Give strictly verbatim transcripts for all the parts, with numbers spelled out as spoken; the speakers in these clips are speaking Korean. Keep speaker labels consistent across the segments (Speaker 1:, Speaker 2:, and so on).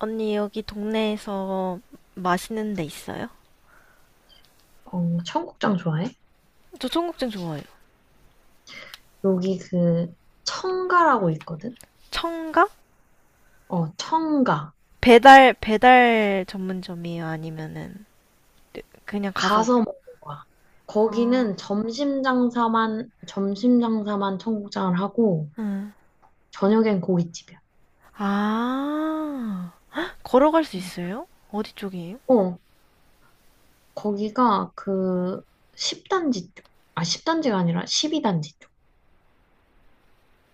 Speaker 1: 언니, 여기 동네에서 맛있는 데 있어요?
Speaker 2: 어, 청국장 좋아해?
Speaker 1: 저 청국장 좋아해요.
Speaker 2: 여기 그 청가라고 있거든?
Speaker 1: 청가?
Speaker 2: 어, 청가.
Speaker 1: 배달, 배달 전문점이에요? 아니면은, 그냥 가서,
Speaker 2: 가서 먹는 거야.
Speaker 1: 아,
Speaker 2: 거기는 점심 장사만, 점심 장사만 청국장을 하고,
Speaker 1: 응.
Speaker 2: 저녁엔 고깃집이야.
Speaker 1: 아, 헉, 걸어갈 수
Speaker 2: 음.
Speaker 1: 있어요? 어디 쪽이에요?
Speaker 2: 어, 거기가 그 십 단지 쪽. 아, 십 단지가 아니라 십이 단지 쪽.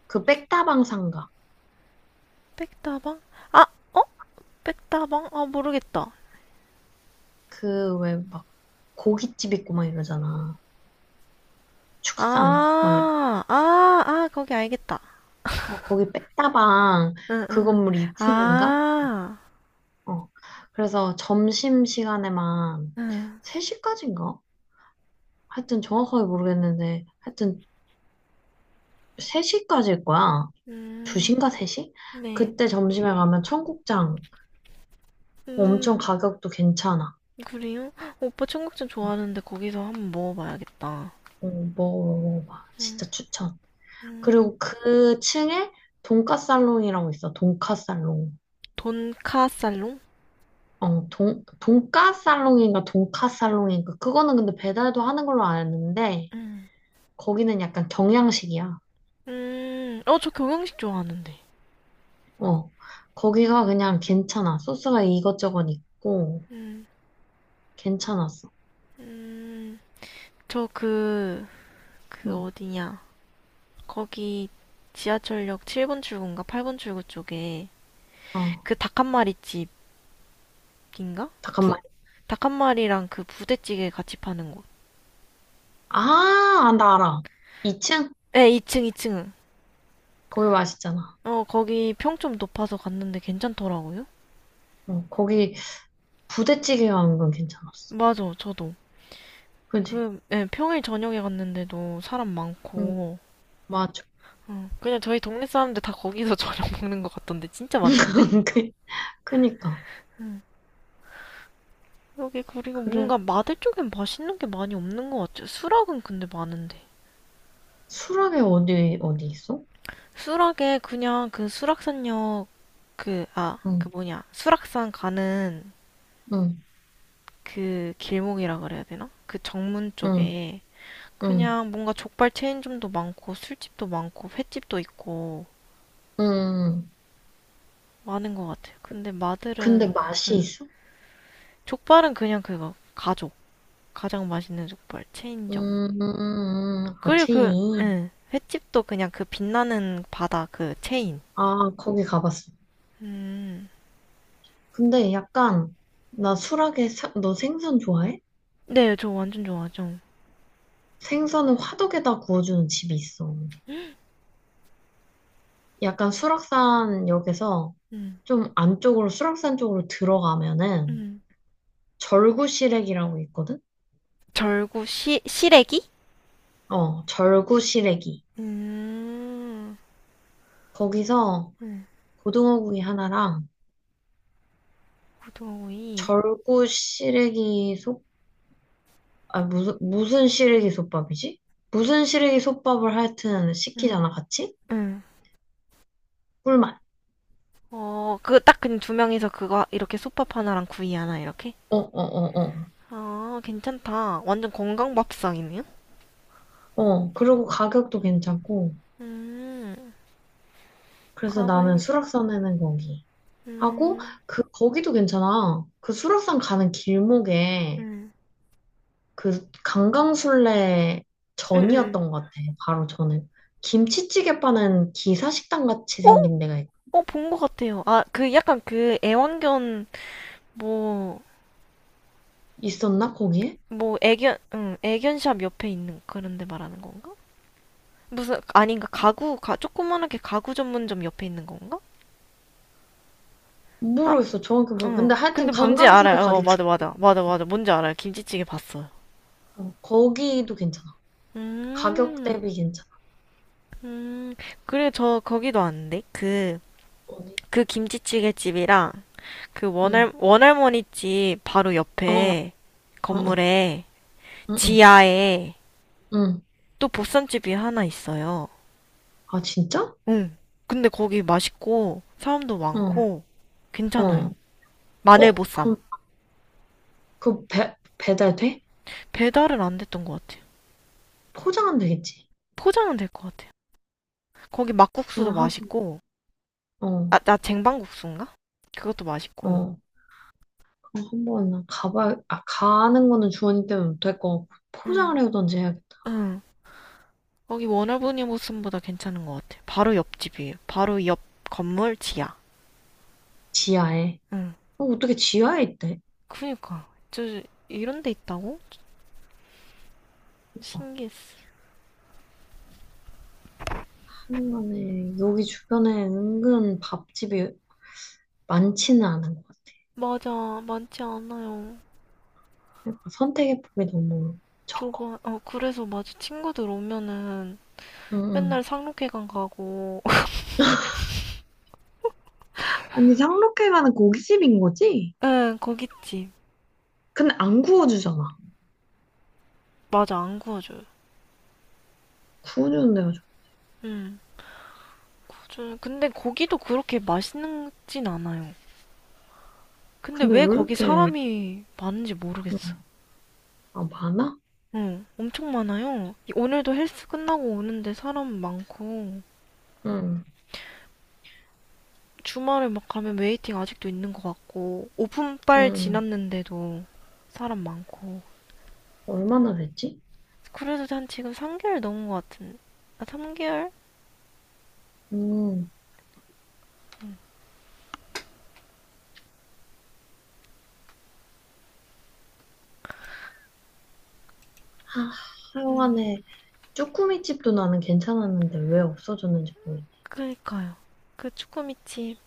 Speaker 2: 그 백다방 상가.
Speaker 1: 백다방? 아, 어? 백다방? 아, 모르겠다.
Speaker 2: 그 왜 막 고깃집 있고 막 이러잖아. 축산. 막, 이러-
Speaker 1: 아, 아, 아, 거기 알겠다.
Speaker 2: 어, 거기 백다방
Speaker 1: 응, 응,
Speaker 2: 그
Speaker 1: 응.
Speaker 2: 건물 이 층인가?
Speaker 1: 아,
Speaker 2: 어. 그래서 점심 시간에만
Speaker 1: 응.
Speaker 2: 세 시까지인가? 하여튼 정확하게 모르겠는데, 하여튼 세 시까지일 거야.
Speaker 1: 음,
Speaker 2: 두 시인가 세 시?
Speaker 1: 네.
Speaker 2: 그때 점심에 가면 청국장 엄청
Speaker 1: 음.
Speaker 2: 가격도 괜찮아.
Speaker 1: 그래요? 오빠 청국장 좋아하는데 거기서 한번 먹어봐야겠다.
Speaker 2: 어, 먹어봐. 진짜
Speaker 1: 음,
Speaker 2: 추천.
Speaker 1: 음,
Speaker 2: 그리고 그 층에 돈까살롱이라고 있어. 돈까살롱.
Speaker 1: 돈카살롱?
Speaker 2: 어, 돈, 돈까살롱인가 돈까살롱인가. 그거는 근데 배달도 하는 걸로 아는데,
Speaker 1: 음,
Speaker 2: 거기는 약간 경양식이야.
Speaker 1: 음, 어, 저 경양식 좋아하는데.
Speaker 2: 어, 거기가 그냥 괜찮아. 소스가 이것저것 있고,
Speaker 1: 음,
Speaker 2: 괜찮았어.
Speaker 1: 음, 저 그, 그
Speaker 2: 응,
Speaker 1: 어디냐. 거기 지하철역 칠 번 출구인가 팔 번 출구 쪽에
Speaker 2: 어,
Speaker 1: 그 닭한 마리 집인가? 부,
Speaker 2: 잠깐만.
Speaker 1: 닭한 마리랑 그 부대찌개 같이 파는 곳.
Speaker 2: 아, 아, 나 알아. 이 층?
Speaker 1: 에, 이 층 이 층.
Speaker 2: 거기 맛있잖아.
Speaker 1: 어, 거기 평점 높아서 갔는데 괜찮더라고요.
Speaker 2: 어, 거기 부대찌개 가 는 건 괜찮았어.
Speaker 1: 맞아, 저도.
Speaker 2: 그지?
Speaker 1: 그, 예, 평일 저녁에 갔는데도 사람
Speaker 2: 응,
Speaker 1: 많고,
Speaker 2: 맞아.
Speaker 1: 어, 그냥 저희 동네 사람들 다 거기서 저녁 먹는 것 같던데, 진짜 많던데?
Speaker 2: 그- 그니까.
Speaker 1: 응. 여기 그리고
Speaker 2: 그래,
Speaker 1: 뭔가 마들 쪽엔 맛있는 게 많이 없는 것 같아요. 수락은 근데 많은데.
Speaker 2: 수락에 어디, 어디 있어?
Speaker 1: 수락에 그냥 그 수락산역, 그, 아, 그
Speaker 2: 응,
Speaker 1: 뭐냐, 수락산 가는
Speaker 2: 응,
Speaker 1: 그 길목이라 그래야 되나? 그 정문
Speaker 2: 응,
Speaker 1: 쪽에
Speaker 2: 응,
Speaker 1: 그냥 뭔가 족발 체인점도 많고 술집도 많고 횟집도 있고
Speaker 2: 응.
Speaker 1: 많은 것 같아요. 근데
Speaker 2: 근데
Speaker 1: 마들은
Speaker 2: 맛이
Speaker 1: 응.
Speaker 2: 있어?
Speaker 1: 족발은 그냥 그거 가족 가장 맛있는 족발 체인점.
Speaker 2: 음, 음, 음, 음. 아,
Speaker 1: 그리고 그
Speaker 2: 체인.
Speaker 1: 응, 횟집도 그냥 그 빛나는 바다 그 체인.
Speaker 2: 아, 거기 가봤어.
Speaker 1: 음,
Speaker 2: 근데 약간, 나 수락에, 사- 너 생선 좋아해?
Speaker 1: 네, 저 완전 좋아하죠.
Speaker 2: 생선을 화덕에다 구워주는 집이 있어. 약간 수락산 역에서
Speaker 1: 음,
Speaker 2: 좀 안쪽으로, 수락산 쪽으로 들어가면은
Speaker 1: 음.
Speaker 2: 절구시래기라고 있거든?
Speaker 1: 절구 시, 시래기?
Speaker 2: 어, 절구시래기.
Speaker 1: 음,
Speaker 2: 거기서
Speaker 1: 음,
Speaker 2: 고등어구이 하나랑
Speaker 1: 고등어구이.
Speaker 2: 절구시래기 솥, 아, 무슨, 무슨 시래기 솥밥이지? 무슨 시래기 솥밥을 하여튼
Speaker 1: 음,
Speaker 2: 시키잖아, 같이?
Speaker 1: 음.
Speaker 2: 꿀맛.
Speaker 1: 어, 그 딱 그냥 두 명이서 그거 이렇게 솥밥 하나랑 구이 하나 이렇게.
Speaker 2: 어, 어, 어, 어.
Speaker 1: 아, 괜찮다. 완전 건강 밥상이네요.
Speaker 2: 어, 그리고 가격도 괜찮고.
Speaker 1: 음,
Speaker 2: 그래서 나는
Speaker 1: 가봐야겠다.
Speaker 2: 수락산 해는 거기 하고
Speaker 1: 음,
Speaker 2: 그 거기도 괜찮아. 그 수락산 가는 길목에
Speaker 1: 음,
Speaker 2: 그 강강술래
Speaker 1: 음, 음, 음.
Speaker 2: 전이었던 것 같아. 바로 전에 김치찌개 파는 기사식당 같이 생긴 데가 있-
Speaker 1: 어, 본 것 같아요. 아, 그 약간 그 애완견 뭐,
Speaker 2: 있었나 거기에?
Speaker 1: 뭐 애견, 응, 애견샵 옆에 있는 그런 데 말하는 건가? 무슨 아닌가? 가구, 가, 조그만하게 가구 전문점 옆에 있는 건가? 아,
Speaker 2: 모르겠어 정확히 모르. 근데
Speaker 1: 응.
Speaker 2: 하여튼
Speaker 1: 근데 뭔지
Speaker 2: 강강술래
Speaker 1: 알아요. 어,
Speaker 2: 가기
Speaker 1: 맞아, 맞아, 맞아, 맞아. 뭔지 알아요. 김치찌개 봤어요.
Speaker 2: 전- 어, 거기도 괜찮아. 가격
Speaker 1: 음,
Speaker 2: 대비 괜찮아.
Speaker 1: 음. 그래, 저 거기도 왔는데 그,
Speaker 2: 어디?
Speaker 1: 그 김치찌개 집이랑 그
Speaker 2: 응.
Speaker 1: 원할 원할머니 집 바로
Speaker 2: 어, 어,
Speaker 1: 옆에
Speaker 2: 어, 어.
Speaker 1: 건물에
Speaker 2: 응, 응,
Speaker 1: 지하에
Speaker 2: 응.
Speaker 1: 또 보쌈집이 하나 있어요.
Speaker 2: 아 진짜?
Speaker 1: 응. 근데 거기 맛있고 사람도
Speaker 2: 어,
Speaker 1: 많고 괜찮아요.
Speaker 2: 어.
Speaker 1: 마늘
Speaker 2: 어,
Speaker 1: 보쌈.
Speaker 2: 그럼 그 배, 배달 돼?
Speaker 1: 배달은 안 됐던 것 같아요.
Speaker 2: 포장은 되겠지.
Speaker 1: 포장은 될 것 같아요. 거기 막국수도
Speaker 2: 그건 한,
Speaker 1: 맛있고.
Speaker 2: 어,
Speaker 1: 아, 나 쟁반국수인가? 그것도 맛있고.
Speaker 2: 어, 그럼 한번 가봐, 아, 가는 거는 주원이 때문에 못할 거 같고, 포장을
Speaker 1: 응.
Speaker 2: 해오던지 해야겠다.
Speaker 1: 응. 거기 워너브니 보쌈보다 괜찮은 것 같아요. 바로 옆집이에요. 바로 옆 건물 지하.
Speaker 2: 지하에.
Speaker 1: 응.
Speaker 2: 어, 어떻게 지하에 있대?
Speaker 1: 그니까. 저 이런 데 있다고?
Speaker 2: 그니까
Speaker 1: 신기했어.
Speaker 2: 한간에 여기 주변에 은근 밥집이 많지는 않은 것 같아.
Speaker 1: 맞아. 많지 않아요.
Speaker 2: 그러니까 선택의 폭이 너무 적어.
Speaker 1: 좁아. 어, 그래서 맞아. 친구들 오면은
Speaker 2: 응,
Speaker 1: 맨날
Speaker 2: 응.
Speaker 1: 상록회관 가고.
Speaker 2: 아니, 상록회 가는 고깃집인 거지?
Speaker 1: 응, 거기집.
Speaker 2: 근데 안 구워주잖아.
Speaker 1: 맞아, 안 구워줘요.
Speaker 2: 구워주는 데가 좋
Speaker 1: 응. 맞아요. 근데 거기도 그렇게 맛있진 않아요. 근데
Speaker 2: 근데 왜
Speaker 1: 왜 거기
Speaker 2: 이렇게,
Speaker 1: 사람이 많은지 모르겠어.
Speaker 2: 응. 아, 많아?
Speaker 1: 응, 엄청 많아요. 이- 오늘도 헬스 끝나고 오는데 사람 많고.
Speaker 2: 응,
Speaker 1: 주말에 막 가면 웨이팅 아직도 있는 것 같고. 오픈빨
Speaker 2: 응.
Speaker 1: 지났는데도 사람 많고.
Speaker 2: 얼마나 됐지?
Speaker 1: 그래도 난 지금 삼 개월 넘은 것 같은. 아, 삼 개월?
Speaker 2: 음, 아,
Speaker 1: 음.
Speaker 2: 하여간에 쭈꾸미 집도 나는 괜찮았는데 왜 없어졌는지 모르겠네.
Speaker 1: 그니까요. 그 쭈꾸미집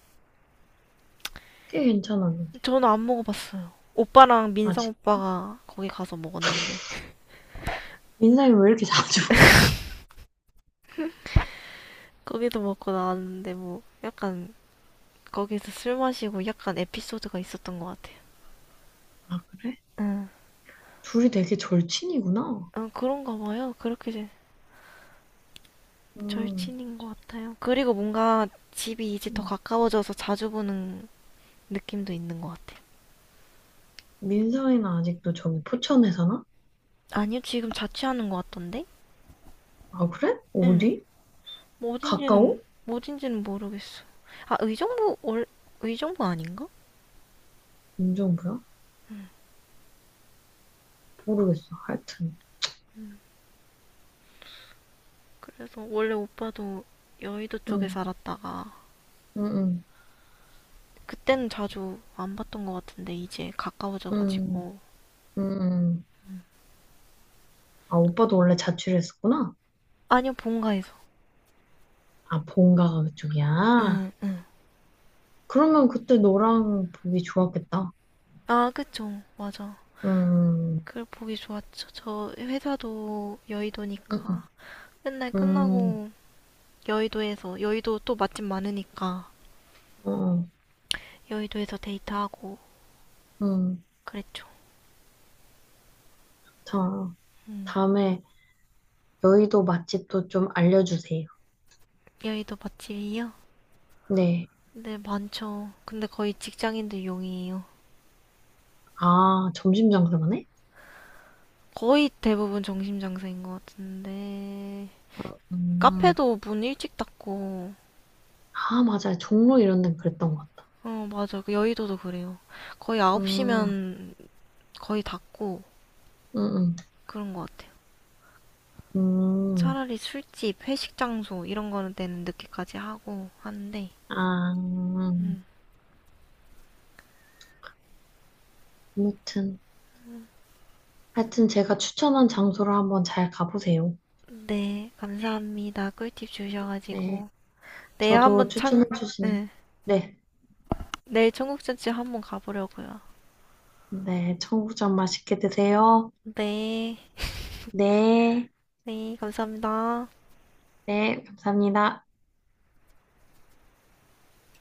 Speaker 2: 꽤 괜찮았는데.
Speaker 1: 저는 안 먹어봤어요. 오빠랑 민성
Speaker 2: 아직
Speaker 1: 오빠가 거기 가서 먹었는데
Speaker 2: 민상이 왜 이렇게 자주?
Speaker 1: 거기도 먹고 나왔는데 뭐 약간 거기서 술 마시고 약간 에피소드가 있었던 것 같아요.
Speaker 2: 아, 그래?
Speaker 1: 응,
Speaker 2: 둘이 되게 절친이구나.
Speaker 1: 응, 그런가 봐요. 그렇게 이제
Speaker 2: 음,
Speaker 1: 절친인 것 같아요. 그리고 뭔가 집이 이제 더
Speaker 2: 음.
Speaker 1: 가까워져서 자주 보는 느낌도 있는 것 같아요.
Speaker 2: 민상이는 아직도 저기 포천에 사나?
Speaker 1: 아니요, 지금 자취하는 것 같던데?
Speaker 2: 아, 그래?
Speaker 1: 응,
Speaker 2: 어디?
Speaker 1: 뭐
Speaker 2: 가까워?
Speaker 1: 어딘지는 뭐 어딘지는 모르겠어. 아, 의정부 월 의정부 아닌가?
Speaker 2: 인정부야 모르겠어. 하여튼.
Speaker 1: 그래서 원래 오빠도 여의도 쪽에
Speaker 2: 응,
Speaker 1: 살았다가
Speaker 2: 응, 응,
Speaker 1: 그때는 자주 안 봤던 것 같은데 이제
Speaker 2: 응,
Speaker 1: 가까워져가지고
Speaker 2: 응. 응. 아, 오빠도 원래 자취를 했었구나?
Speaker 1: 아니요 본가에서
Speaker 2: 아, 본가가 그쪽이야?
Speaker 1: 응 응.
Speaker 2: 그러면 그때 너랑 보기 좋았겠다.
Speaker 1: 아 그쵸 맞아.
Speaker 2: 응응
Speaker 1: 그걸 보기 좋았죠. 저 회사도
Speaker 2: 음, 음.
Speaker 1: 여의도니까 맨날
Speaker 2: 음,
Speaker 1: 끝나고 여의도에서 여의도 또 맛집 많으니까
Speaker 2: 어,
Speaker 1: 여의도에서 데이트하고
Speaker 2: 음,
Speaker 1: 그랬죠.
Speaker 2: 자,
Speaker 1: 음.
Speaker 2: 다음에 여의도 맛집도 좀 알려주세요.
Speaker 1: 여의도 맛집이요?
Speaker 2: 네.
Speaker 1: 네 많죠. 근데 거의 직장인들 용이에요.
Speaker 2: 아, 점심 장사만해?
Speaker 1: 거의 대부분 정신장사인 것 같은데
Speaker 2: 어, 음,
Speaker 1: 카페도 문 일찍 닫고,
Speaker 2: 아, 맞아요. 종로 이런 데는 그랬던 것 같다.
Speaker 1: 어, 맞아. 그 여의도도 그래요. 거의
Speaker 2: 음,
Speaker 1: 아홉 시면 거의 닫고
Speaker 2: 음,
Speaker 1: 그런 것 같아요.
Speaker 2: 음, 음,
Speaker 1: 차라리 술집, 회식 장소 이런 거는 때는 늦게까지 하고 하는데,
Speaker 2: 아,
Speaker 1: 음.
Speaker 2: 아무튼. 하여튼 제가 추천한 장소를 한번 잘 가보세요.
Speaker 1: 네, 감사합니다. 꿀팁
Speaker 2: 네.
Speaker 1: 주셔가지고. 내일
Speaker 2: 저도
Speaker 1: 한번 창,
Speaker 2: 추천해주신,
Speaker 1: 네.
Speaker 2: 네.
Speaker 1: 내일 청국전집 한번 가보려고요.
Speaker 2: 네. 청국장 맛있게 드세요.
Speaker 1: 네,
Speaker 2: 네.
Speaker 1: 네, 감사합니다.
Speaker 2: 네. 감사합니다.